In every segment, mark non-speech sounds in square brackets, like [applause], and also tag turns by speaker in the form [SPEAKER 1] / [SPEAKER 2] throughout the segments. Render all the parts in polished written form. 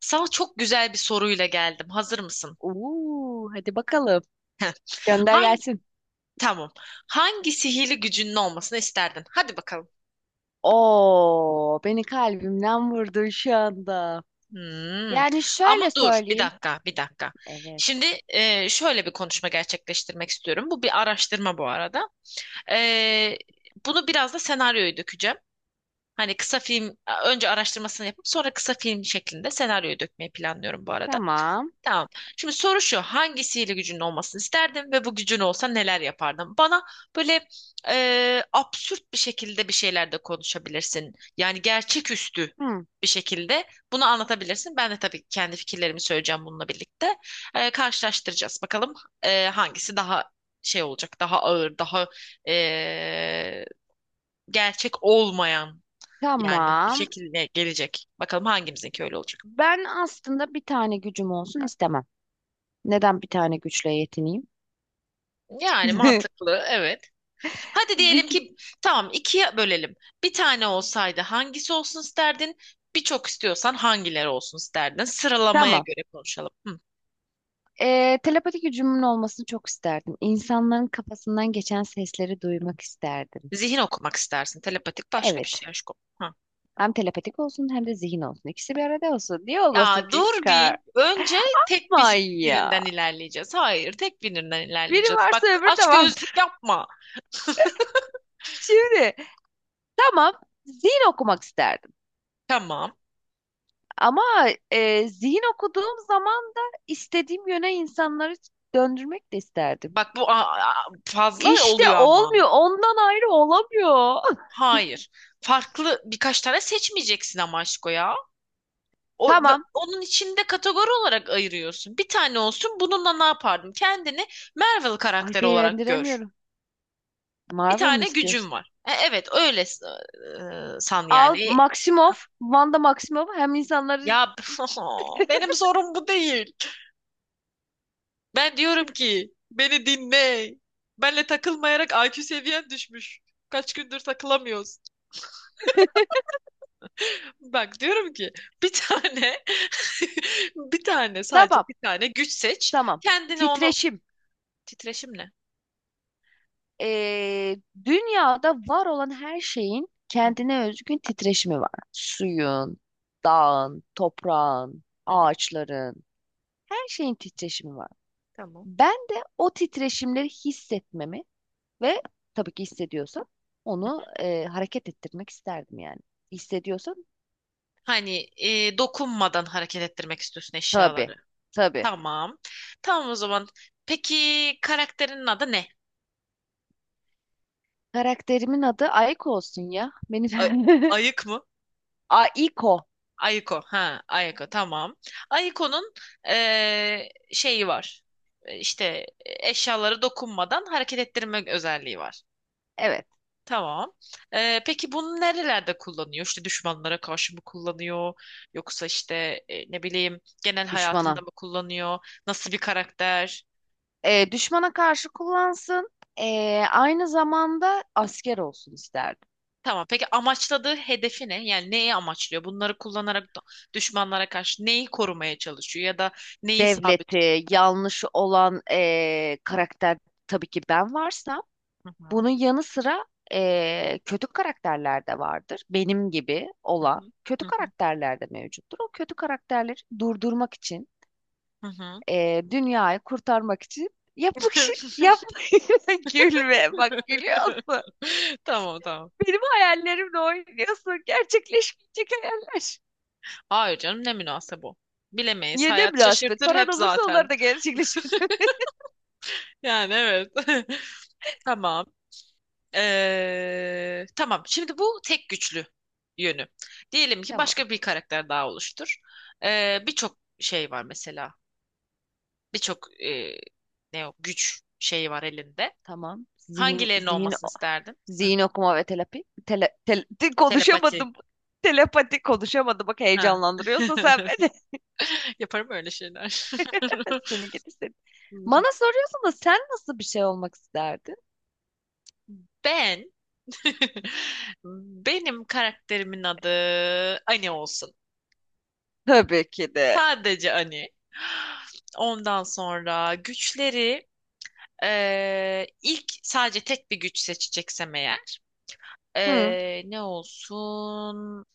[SPEAKER 1] Sana çok güzel bir soruyla geldim. Hazır mısın?
[SPEAKER 2] Oo, hadi bakalım.
[SPEAKER 1] [laughs]
[SPEAKER 2] Gönder
[SPEAKER 1] Hangi,
[SPEAKER 2] gelsin.
[SPEAKER 1] tamam. Hangi sihirli gücünün olmasını isterdin? Hadi bakalım.
[SPEAKER 2] Oo, beni kalbimden vurdun şu anda.
[SPEAKER 1] Hmm.
[SPEAKER 2] Yani
[SPEAKER 1] Ama
[SPEAKER 2] şöyle
[SPEAKER 1] dur, bir
[SPEAKER 2] söyleyeyim.
[SPEAKER 1] dakika, bir dakika.
[SPEAKER 2] Evet.
[SPEAKER 1] Şimdi şöyle bir konuşma gerçekleştirmek istiyorum. Bu bir araştırma bu arada. E, Bunu biraz da senaryoya dökeceğim. Hani kısa film, önce araştırmasını yapıp sonra kısa film şeklinde senaryoya dökmeyi planlıyorum bu arada.
[SPEAKER 2] Tamam.
[SPEAKER 1] Tamam. Şimdi soru şu. Hangi sihirli gücünün olmasını isterdin ve bu gücün olsa neler yapardın? Bana böyle absürt bir şekilde bir şeyler de konuşabilirsin. Yani gerçeküstü
[SPEAKER 2] Hı,
[SPEAKER 1] bir şekilde bunu anlatabilirsin. Ben de tabii kendi fikirlerimi söyleyeceğim bununla birlikte. Karşılaştıracağız. Bakalım hangisi daha şey olacak, daha ağır, daha e, gerçek olmayan yani bir
[SPEAKER 2] tamam.
[SPEAKER 1] şekilde gelecek. Bakalım hangimizinki öyle olacak.
[SPEAKER 2] Ben aslında bir tane gücüm olsun istemem. Neden bir tane güçle yetineyim?
[SPEAKER 1] Yani
[SPEAKER 2] [laughs]
[SPEAKER 1] mantıklı, evet. Hadi
[SPEAKER 2] Bir,
[SPEAKER 1] diyelim
[SPEAKER 2] gü-
[SPEAKER 1] ki tamam ikiye bölelim. Bir tane olsaydı hangisi olsun isterdin? Birçok istiyorsan hangileri olsun isterdin? Sıralamaya
[SPEAKER 2] tamam.
[SPEAKER 1] göre konuşalım. Hı.
[SPEAKER 2] Telepati gücümün olmasını çok isterdim. İnsanların kafasından geçen sesleri duymak isterdim.
[SPEAKER 1] Zihin okumak istersin. Telepatik başka bir
[SPEAKER 2] Evet.
[SPEAKER 1] şey aşkım. Hı.
[SPEAKER 2] Hem telepatik olsun hem de zihin olsun. İkisi bir arada olsun. Niye olmasın
[SPEAKER 1] Ya
[SPEAKER 2] ki
[SPEAKER 1] dur
[SPEAKER 2] kar?
[SPEAKER 1] bir. Önce tek
[SPEAKER 2] Aman
[SPEAKER 1] bir,
[SPEAKER 2] ya.
[SPEAKER 1] birinden ilerleyeceğiz. Hayır, tek birinden
[SPEAKER 2] Biri
[SPEAKER 1] ilerleyeceğiz. Bak
[SPEAKER 2] varsa öbürü de
[SPEAKER 1] aç gözlük
[SPEAKER 2] vardır.
[SPEAKER 1] yapma.
[SPEAKER 2] [laughs] Şimdi tamam, zihin okumak isterdim.
[SPEAKER 1] Tamam.
[SPEAKER 2] Ama zihin okuduğum zaman da istediğim yöne insanları döndürmek de isterdim.
[SPEAKER 1] Bak bu fazla
[SPEAKER 2] İşte
[SPEAKER 1] oluyor ama.
[SPEAKER 2] olmuyor. Ondan ayrı olamıyor. [laughs]
[SPEAKER 1] Hayır. Farklı birkaç tane seçmeyeceksin ama aşko ya. O,
[SPEAKER 2] Tamam.
[SPEAKER 1] Onun içinde kategori olarak ayırıyorsun. Bir tane olsun bununla ne yapardım? Kendini Marvel
[SPEAKER 2] Ay
[SPEAKER 1] karakteri olarak gör.
[SPEAKER 2] beğendiremiyorum.
[SPEAKER 1] Bir
[SPEAKER 2] Marvel mı
[SPEAKER 1] tane gücün
[SPEAKER 2] istiyorsun?
[SPEAKER 1] var. E, evet öyle san
[SPEAKER 2] Al
[SPEAKER 1] yani.
[SPEAKER 2] Maximoff, Wanda Maximoff hem insanları
[SPEAKER 1] Ya [laughs] benim sorum bu değil. Ben diyorum ki beni dinle. Benle takılmayarak IQ seviyen düşmüş. Kaç gündür takılamıyoruz.
[SPEAKER 2] [laughs]
[SPEAKER 1] Bak diyorum ki bir tane [laughs] bir tane sadece
[SPEAKER 2] Tamam,
[SPEAKER 1] bir tane güç seç.
[SPEAKER 2] tamam.
[SPEAKER 1] Kendine onu
[SPEAKER 2] Titreşim.
[SPEAKER 1] titreşimle.
[SPEAKER 2] Ee, Dünyada var olan her şeyin
[SPEAKER 1] Hı,
[SPEAKER 2] kendine özgün titreşimi var. Suyun, dağın, toprağın,
[SPEAKER 1] hı,
[SPEAKER 2] ağaçların, her şeyin titreşimi var.
[SPEAKER 1] tamam.
[SPEAKER 2] Ben de o titreşimleri hissetmemi ve tabii ki hissediyorsam onu hareket ettirmek isterdim yani. Hissediyorsam
[SPEAKER 1] Hani dokunmadan hareket ettirmek istiyorsun
[SPEAKER 2] tabii,
[SPEAKER 1] eşyaları.
[SPEAKER 2] tabii.
[SPEAKER 1] Tamam. Tamam o zaman. Peki karakterinin adı ne?
[SPEAKER 2] Karakterimin adı Aiko olsun ya. Benim
[SPEAKER 1] A- Ayık mı?
[SPEAKER 2] [laughs] Aiko.
[SPEAKER 1] Ayiko. Ha, Ayiko. Tamam. Ayiko'nun şeyi var. İşte eşyaları dokunmadan hareket ettirme özelliği var.
[SPEAKER 2] Evet,
[SPEAKER 1] Tamam. E, peki bunu nerelerde kullanıyor? İşte düşmanlara karşı mı kullanıyor? Yoksa işte ne bileyim genel hayatında
[SPEAKER 2] düşmana.
[SPEAKER 1] mı kullanıyor? Nasıl bir karakter?
[SPEAKER 2] E, düşmana karşı kullansın. E, aynı zamanda asker olsun isterdim.
[SPEAKER 1] Tamam. Peki amaçladığı hedefi ne? Yani neyi amaçlıyor? Bunları kullanarak düşmanlara karşı neyi korumaya çalışıyor ya da neyi sabit?
[SPEAKER 2] Devleti, yanlışı olan karakter, tabii ki ben varsam.
[SPEAKER 1] Hı hı.
[SPEAKER 2] Bunun yanı sıra kötü karakterler de vardır. Benim gibi
[SPEAKER 1] Hı
[SPEAKER 2] olan
[SPEAKER 1] hı.
[SPEAKER 2] kötü
[SPEAKER 1] Hı hı.
[SPEAKER 2] karakterler de mevcuttur. O kötü karakterleri durdurmak için,
[SPEAKER 1] Hı hı.
[SPEAKER 2] e, dünyayı kurtarmak için yapmak şey yapmak. [laughs] Gülme bak,
[SPEAKER 1] [laughs]
[SPEAKER 2] gülüyorsun.
[SPEAKER 1] Tamam tamam.
[SPEAKER 2] Benim hayallerimle oynuyorsun. Gerçekleşmeyecek hayaller.
[SPEAKER 1] Hayır canım ne münasebe bu. Bilemeyiz.
[SPEAKER 2] Ya ne
[SPEAKER 1] Hayat
[SPEAKER 2] münasebet.
[SPEAKER 1] şaşırtır hep
[SPEAKER 2] Paran olursa
[SPEAKER 1] zaten.
[SPEAKER 2] onları da gerçekleşir. [laughs]
[SPEAKER 1] Yani evet. [laughs] Tamam. Tamam. Şimdi bu tek güçlü yönü. Diyelim ki
[SPEAKER 2] Tamam,
[SPEAKER 1] başka bir karakter daha oluştur. Birçok şey var mesela. Birçok ne o güç şeyi var elinde.
[SPEAKER 2] tamam.
[SPEAKER 1] Hangilerinin olmasını isterdin? Hı,
[SPEAKER 2] Zihin okuma ve terapi.
[SPEAKER 1] telepati.
[SPEAKER 2] Konuşamadım. Telepati konuşamadım. Bak
[SPEAKER 1] Ha.
[SPEAKER 2] heyecanlandırıyorsun sen
[SPEAKER 1] [laughs]
[SPEAKER 2] beni.
[SPEAKER 1] Yaparım öyle şeyler.
[SPEAKER 2] [laughs] Seni gidi seni. Bana
[SPEAKER 1] [laughs]
[SPEAKER 2] soruyorsun da sen nasıl bir şey olmak isterdin?
[SPEAKER 1] Ben [laughs] Benim karakterimin adı Ani olsun.
[SPEAKER 2] Tabii ki de.
[SPEAKER 1] Sadece Ani. Ondan sonra güçleri ilk sadece tek bir güç seçeceksem eğer
[SPEAKER 2] Hı.
[SPEAKER 1] ne olsun?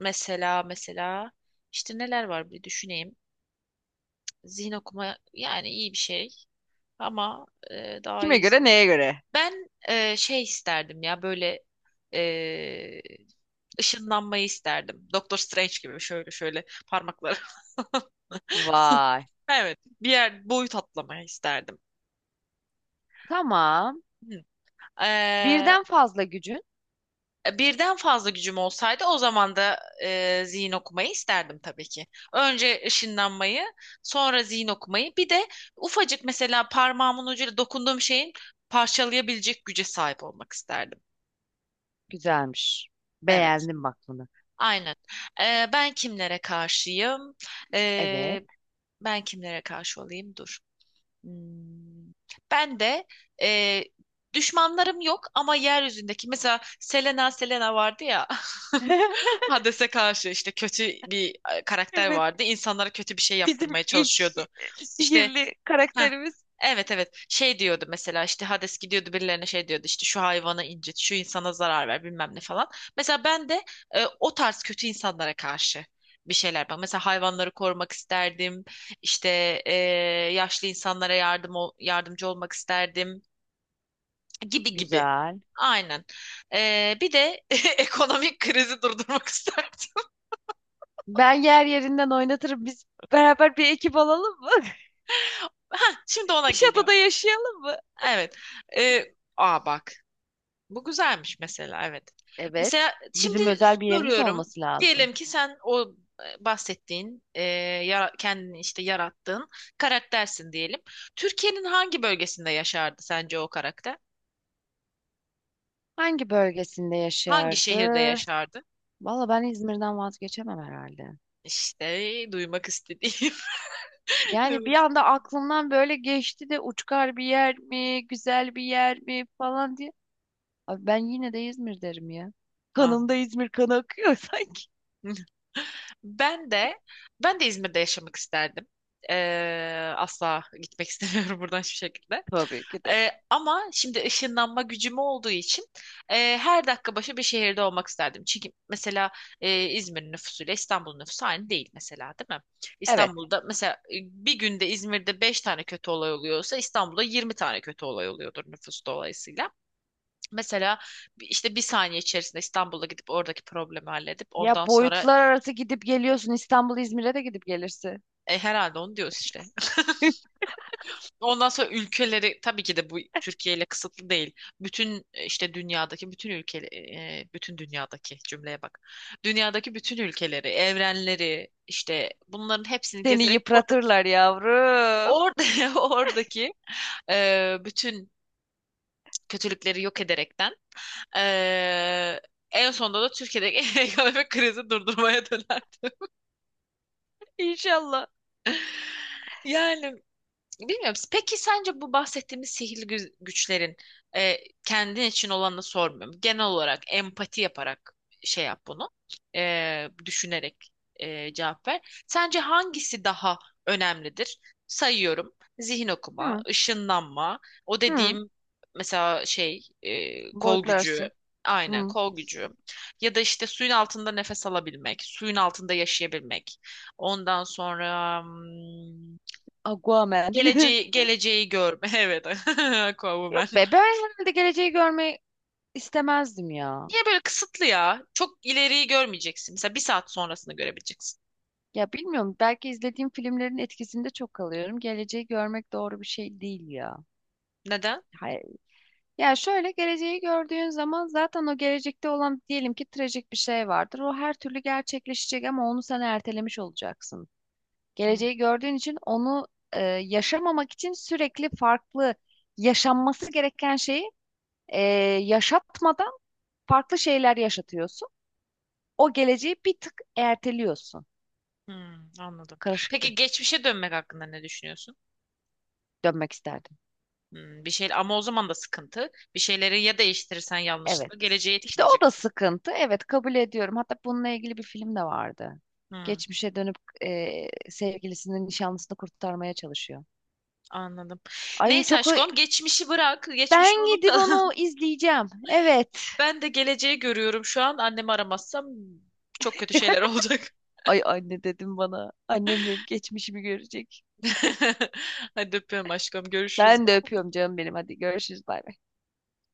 [SPEAKER 1] Mesela işte neler var bir düşüneyim. Zihin okuma yani iyi bir şey ama daha
[SPEAKER 2] Kime
[SPEAKER 1] iyisi
[SPEAKER 2] göre,
[SPEAKER 1] olur.
[SPEAKER 2] neye göre?
[SPEAKER 1] Ben şey isterdim ya böyle e, ışınlanmayı isterdim. Doktor Strange gibi şöyle şöyle parmakları. [laughs]
[SPEAKER 2] Vay.
[SPEAKER 1] Evet, bir yer boyut atlamayı isterdim.
[SPEAKER 2] Tamam.
[SPEAKER 1] Hı. Ee,
[SPEAKER 2] Birden fazla gücün.
[SPEAKER 1] Birden fazla gücüm olsaydı o zaman da zihin okumayı isterdim tabii ki. Önce ışınlanmayı, sonra zihin okumayı, bir de ufacık mesela parmağımın ucuyla dokunduğum şeyin parçalayabilecek güce sahip olmak isterdim.
[SPEAKER 2] Güzelmiş.
[SPEAKER 1] Evet,
[SPEAKER 2] Beğendim bak bunu.
[SPEAKER 1] aynen. E, ben kimlere karşıyım?
[SPEAKER 2] Evet.
[SPEAKER 1] E, ben kimlere karşı olayım? Dur. Hmm. Ben de e, düşmanlarım yok ama yeryüzündeki mesela Selena vardı ya.
[SPEAKER 2] [laughs]
[SPEAKER 1] [laughs] Hades'e karşı işte kötü bir karakter
[SPEAKER 2] Evet.
[SPEAKER 1] vardı. İnsanlara kötü bir şey
[SPEAKER 2] Bizim
[SPEAKER 1] yaptırmaya
[SPEAKER 2] ilk
[SPEAKER 1] çalışıyordu. İşte
[SPEAKER 2] sihirli
[SPEAKER 1] ha
[SPEAKER 2] karakterimiz.
[SPEAKER 1] evet evet şey diyordu mesela işte Hades gidiyordu birilerine şey diyordu işte şu hayvanı incit, şu insana zarar ver bilmem ne falan. Mesela ben de o tarz kötü insanlara karşı bir şeyler bak. Mesela hayvanları korumak isterdim. İşte e, yaşlı insanlara yardımcı olmak isterdim gibi gibi.
[SPEAKER 2] Güzel.
[SPEAKER 1] Aynen. E, bir de [laughs] ekonomik krizi durdurmak [laughs] isterdim.
[SPEAKER 2] Ben yer yerinden oynatırım. Biz beraber bir ekip olalım mı? [laughs]
[SPEAKER 1] Hah, şimdi ona
[SPEAKER 2] Bir
[SPEAKER 1] geliyorum.
[SPEAKER 2] şatoda yaşayalım mı?
[SPEAKER 1] Evet. Aa bak. Bu güzelmiş mesela. Evet.
[SPEAKER 2] Evet.
[SPEAKER 1] Mesela şimdi
[SPEAKER 2] Bizim özel bir yerimiz
[SPEAKER 1] soruyorum.
[SPEAKER 2] olması lazım.
[SPEAKER 1] Diyelim ki sen o bahsettiğin kendini işte yarattığın karaktersin diyelim. Türkiye'nin hangi bölgesinde yaşardı sence o karakter?
[SPEAKER 2] Hangi bölgesinde
[SPEAKER 1] Hangi şehirde
[SPEAKER 2] yaşardı?
[SPEAKER 1] yaşardı?
[SPEAKER 2] Valla ben İzmir'den vazgeçemem herhalde.
[SPEAKER 1] İşte duymak istediğim. [laughs]
[SPEAKER 2] Yani
[SPEAKER 1] Duymak.
[SPEAKER 2] bir anda aklımdan böyle geçti de uçkar bir yer mi, güzel bir yer mi falan diye. Abi ben yine de İzmir derim ya.
[SPEAKER 1] Anladım.
[SPEAKER 2] Kanımda İzmir kanı akıyor [laughs] sanki.
[SPEAKER 1] [laughs] Ben de ben de İzmir'de yaşamak isterdim. Asla gitmek istemiyorum [laughs] buradan hiçbir şekilde.
[SPEAKER 2] Tabii ki de.
[SPEAKER 1] Ama şimdi ışınlanma gücüm olduğu için her dakika başı bir şehirde olmak isterdim. Çünkü mesela İzmir nüfusuyla İstanbul nüfusu aynı değil mesela, değil mi?
[SPEAKER 2] Evet.
[SPEAKER 1] İstanbul'da mesela bir günde İzmir'de 5 tane kötü olay oluyorsa İstanbul'da 20 tane kötü olay oluyordur nüfus dolayısıyla. Mesela işte bir saniye içerisinde İstanbul'a gidip oradaki problemi halledip ondan
[SPEAKER 2] Ya
[SPEAKER 1] sonra.
[SPEAKER 2] boyutlar arası gidip geliyorsun. İstanbul İzmir'e de gidip gelirsin.
[SPEAKER 1] E, herhalde onu diyoruz işte. [laughs]
[SPEAKER 2] [laughs]
[SPEAKER 1] Ondan sonra ülkeleri tabii ki de bu Türkiye ile kısıtlı değil. Bütün işte dünyadaki bütün ülke e, bütün dünyadaki cümleye bak. Dünyadaki bütün ülkeleri, evrenleri işte bunların hepsini
[SPEAKER 2] Seni
[SPEAKER 1] gezerek oradaki
[SPEAKER 2] yıpratırlar yavrum.
[SPEAKER 1] orada [laughs] oradaki bütün kötülükleri yok ederekten e, en sonunda da Türkiye'deki [laughs] ekonomik krizi durdurmaya dönerdi.
[SPEAKER 2] İnşallah.
[SPEAKER 1] [laughs] Yani bilmiyorum. Peki sence bu bahsettiğimiz sihirli güçlerin e, kendin için olanı sormuyorum. Genel olarak empati yaparak şey yap bunu. Düşünerek cevap ver. Sence hangisi daha önemlidir? Sayıyorum. Zihin okuma,
[SPEAKER 2] Hı,
[SPEAKER 1] ışınlanma, o
[SPEAKER 2] hı.
[SPEAKER 1] dediğim mesela şey kol gücü,
[SPEAKER 2] Boyutlarsın.
[SPEAKER 1] aynen
[SPEAKER 2] Hı.
[SPEAKER 1] kol gücü ya da işte suyun altında nefes alabilmek, suyun altında yaşayabilmek. Ondan sonra hmm,
[SPEAKER 2] Aquaman. [laughs]
[SPEAKER 1] geleceği görme. [laughs] Evet. [laughs] Aquaman.
[SPEAKER 2] Yok be, ben herhalde geleceği görmeyi istemezdim ya.
[SPEAKER 1] Niye böyle kısıtlı ya? Çok ileriyi görmeyeceksin. Mesela bir saat sonrasını görebileceksin.
[SPEAKER 2] Ya bilmiyorum, belki izlediğim filmlerin etkisinde çok kalıyorum. Geleceği görmek doğru bir şey değil ya.
[SPEAKER 1] Neden?
[SPEAKER 2] Hayır. Ya şöyle, geleceği gördüğün zaman zaten o gelecekte olan diyelim ki trajik bir şey vardır. O her türlü gerçekleşecek ama onu sen ertelemiş olacaksın.
[SPEAKER 1] Hmm,
[SPEAKER 2] Geleceği gördüğün için onu yaşamamak için sürekli farklı yaşanması gereken şeyi e, yaşatmadan farklı şeyler yaşatıyorsun. O geleceği bir tık erteliyorsun.
[SPEAKER 1] Anladım. Peki
[SPEAKER 2] Karışıktı.
[SPEAKER 1] geçmişe dönmek hakkında ne düşünüyorsun?
[SPEAKER 2] Dönmek isterdim.
[SPEAKER 1] Hmm, bir şey ama o zaman da sıkıntı. Bir şeyleri ya değiştirirsen
[SPEAKER 2] Evet.
[SPEAKER 1] yanlışlıkla geleceği
[SPEAKER 2] İşte o
[SPEAKER 1] etkileyecek
[SPEAKER 2] da
[SPEAKER 1] bu.
[SPEAKER 2] sıkıntı. Evet, kabul ediyorum. Hatta bununla ilgili bir film de vardı.
[SPEAKER 1] Hmm,
[SPEAKER 2] Geçmişe dönüp e, sevgilisinin nişanlısını kurtarmaya çalışıyor.
[SPEAKER 1] anladım.
[SPEAKER 2] Ay
[SPEAKER 1] Neyse
[SPEAKER 2] çok,
[SPEAKER 1] aşkım geçmişi bırak. Geçmişi
[SPEAKER 2] ben gidip
[SPEAKER 1] unutalım.
[SPEAKER 2] onu
[SPEAKER 1] [laughs]
[SPEAKER 2] izleyeceğim. Evet.
[SPEAKER 1] Ben de geleceği görüyorum şu an. Annemi aramazsam çok kötü şeyler
[SPEAKER 2] [laughs]
[SPEAKER 1] olacak.
[SPEAKER 2] Ay anne dedim bana. Annem benim geçmişimi görecek.
[SPEAKER 1] [laughs] Hadi öpüyorum aşkım. Görüşürüz.
[SPEAKER 2] Ben de öpüyorum canım benim. Hadi görüşürüz, bay bay.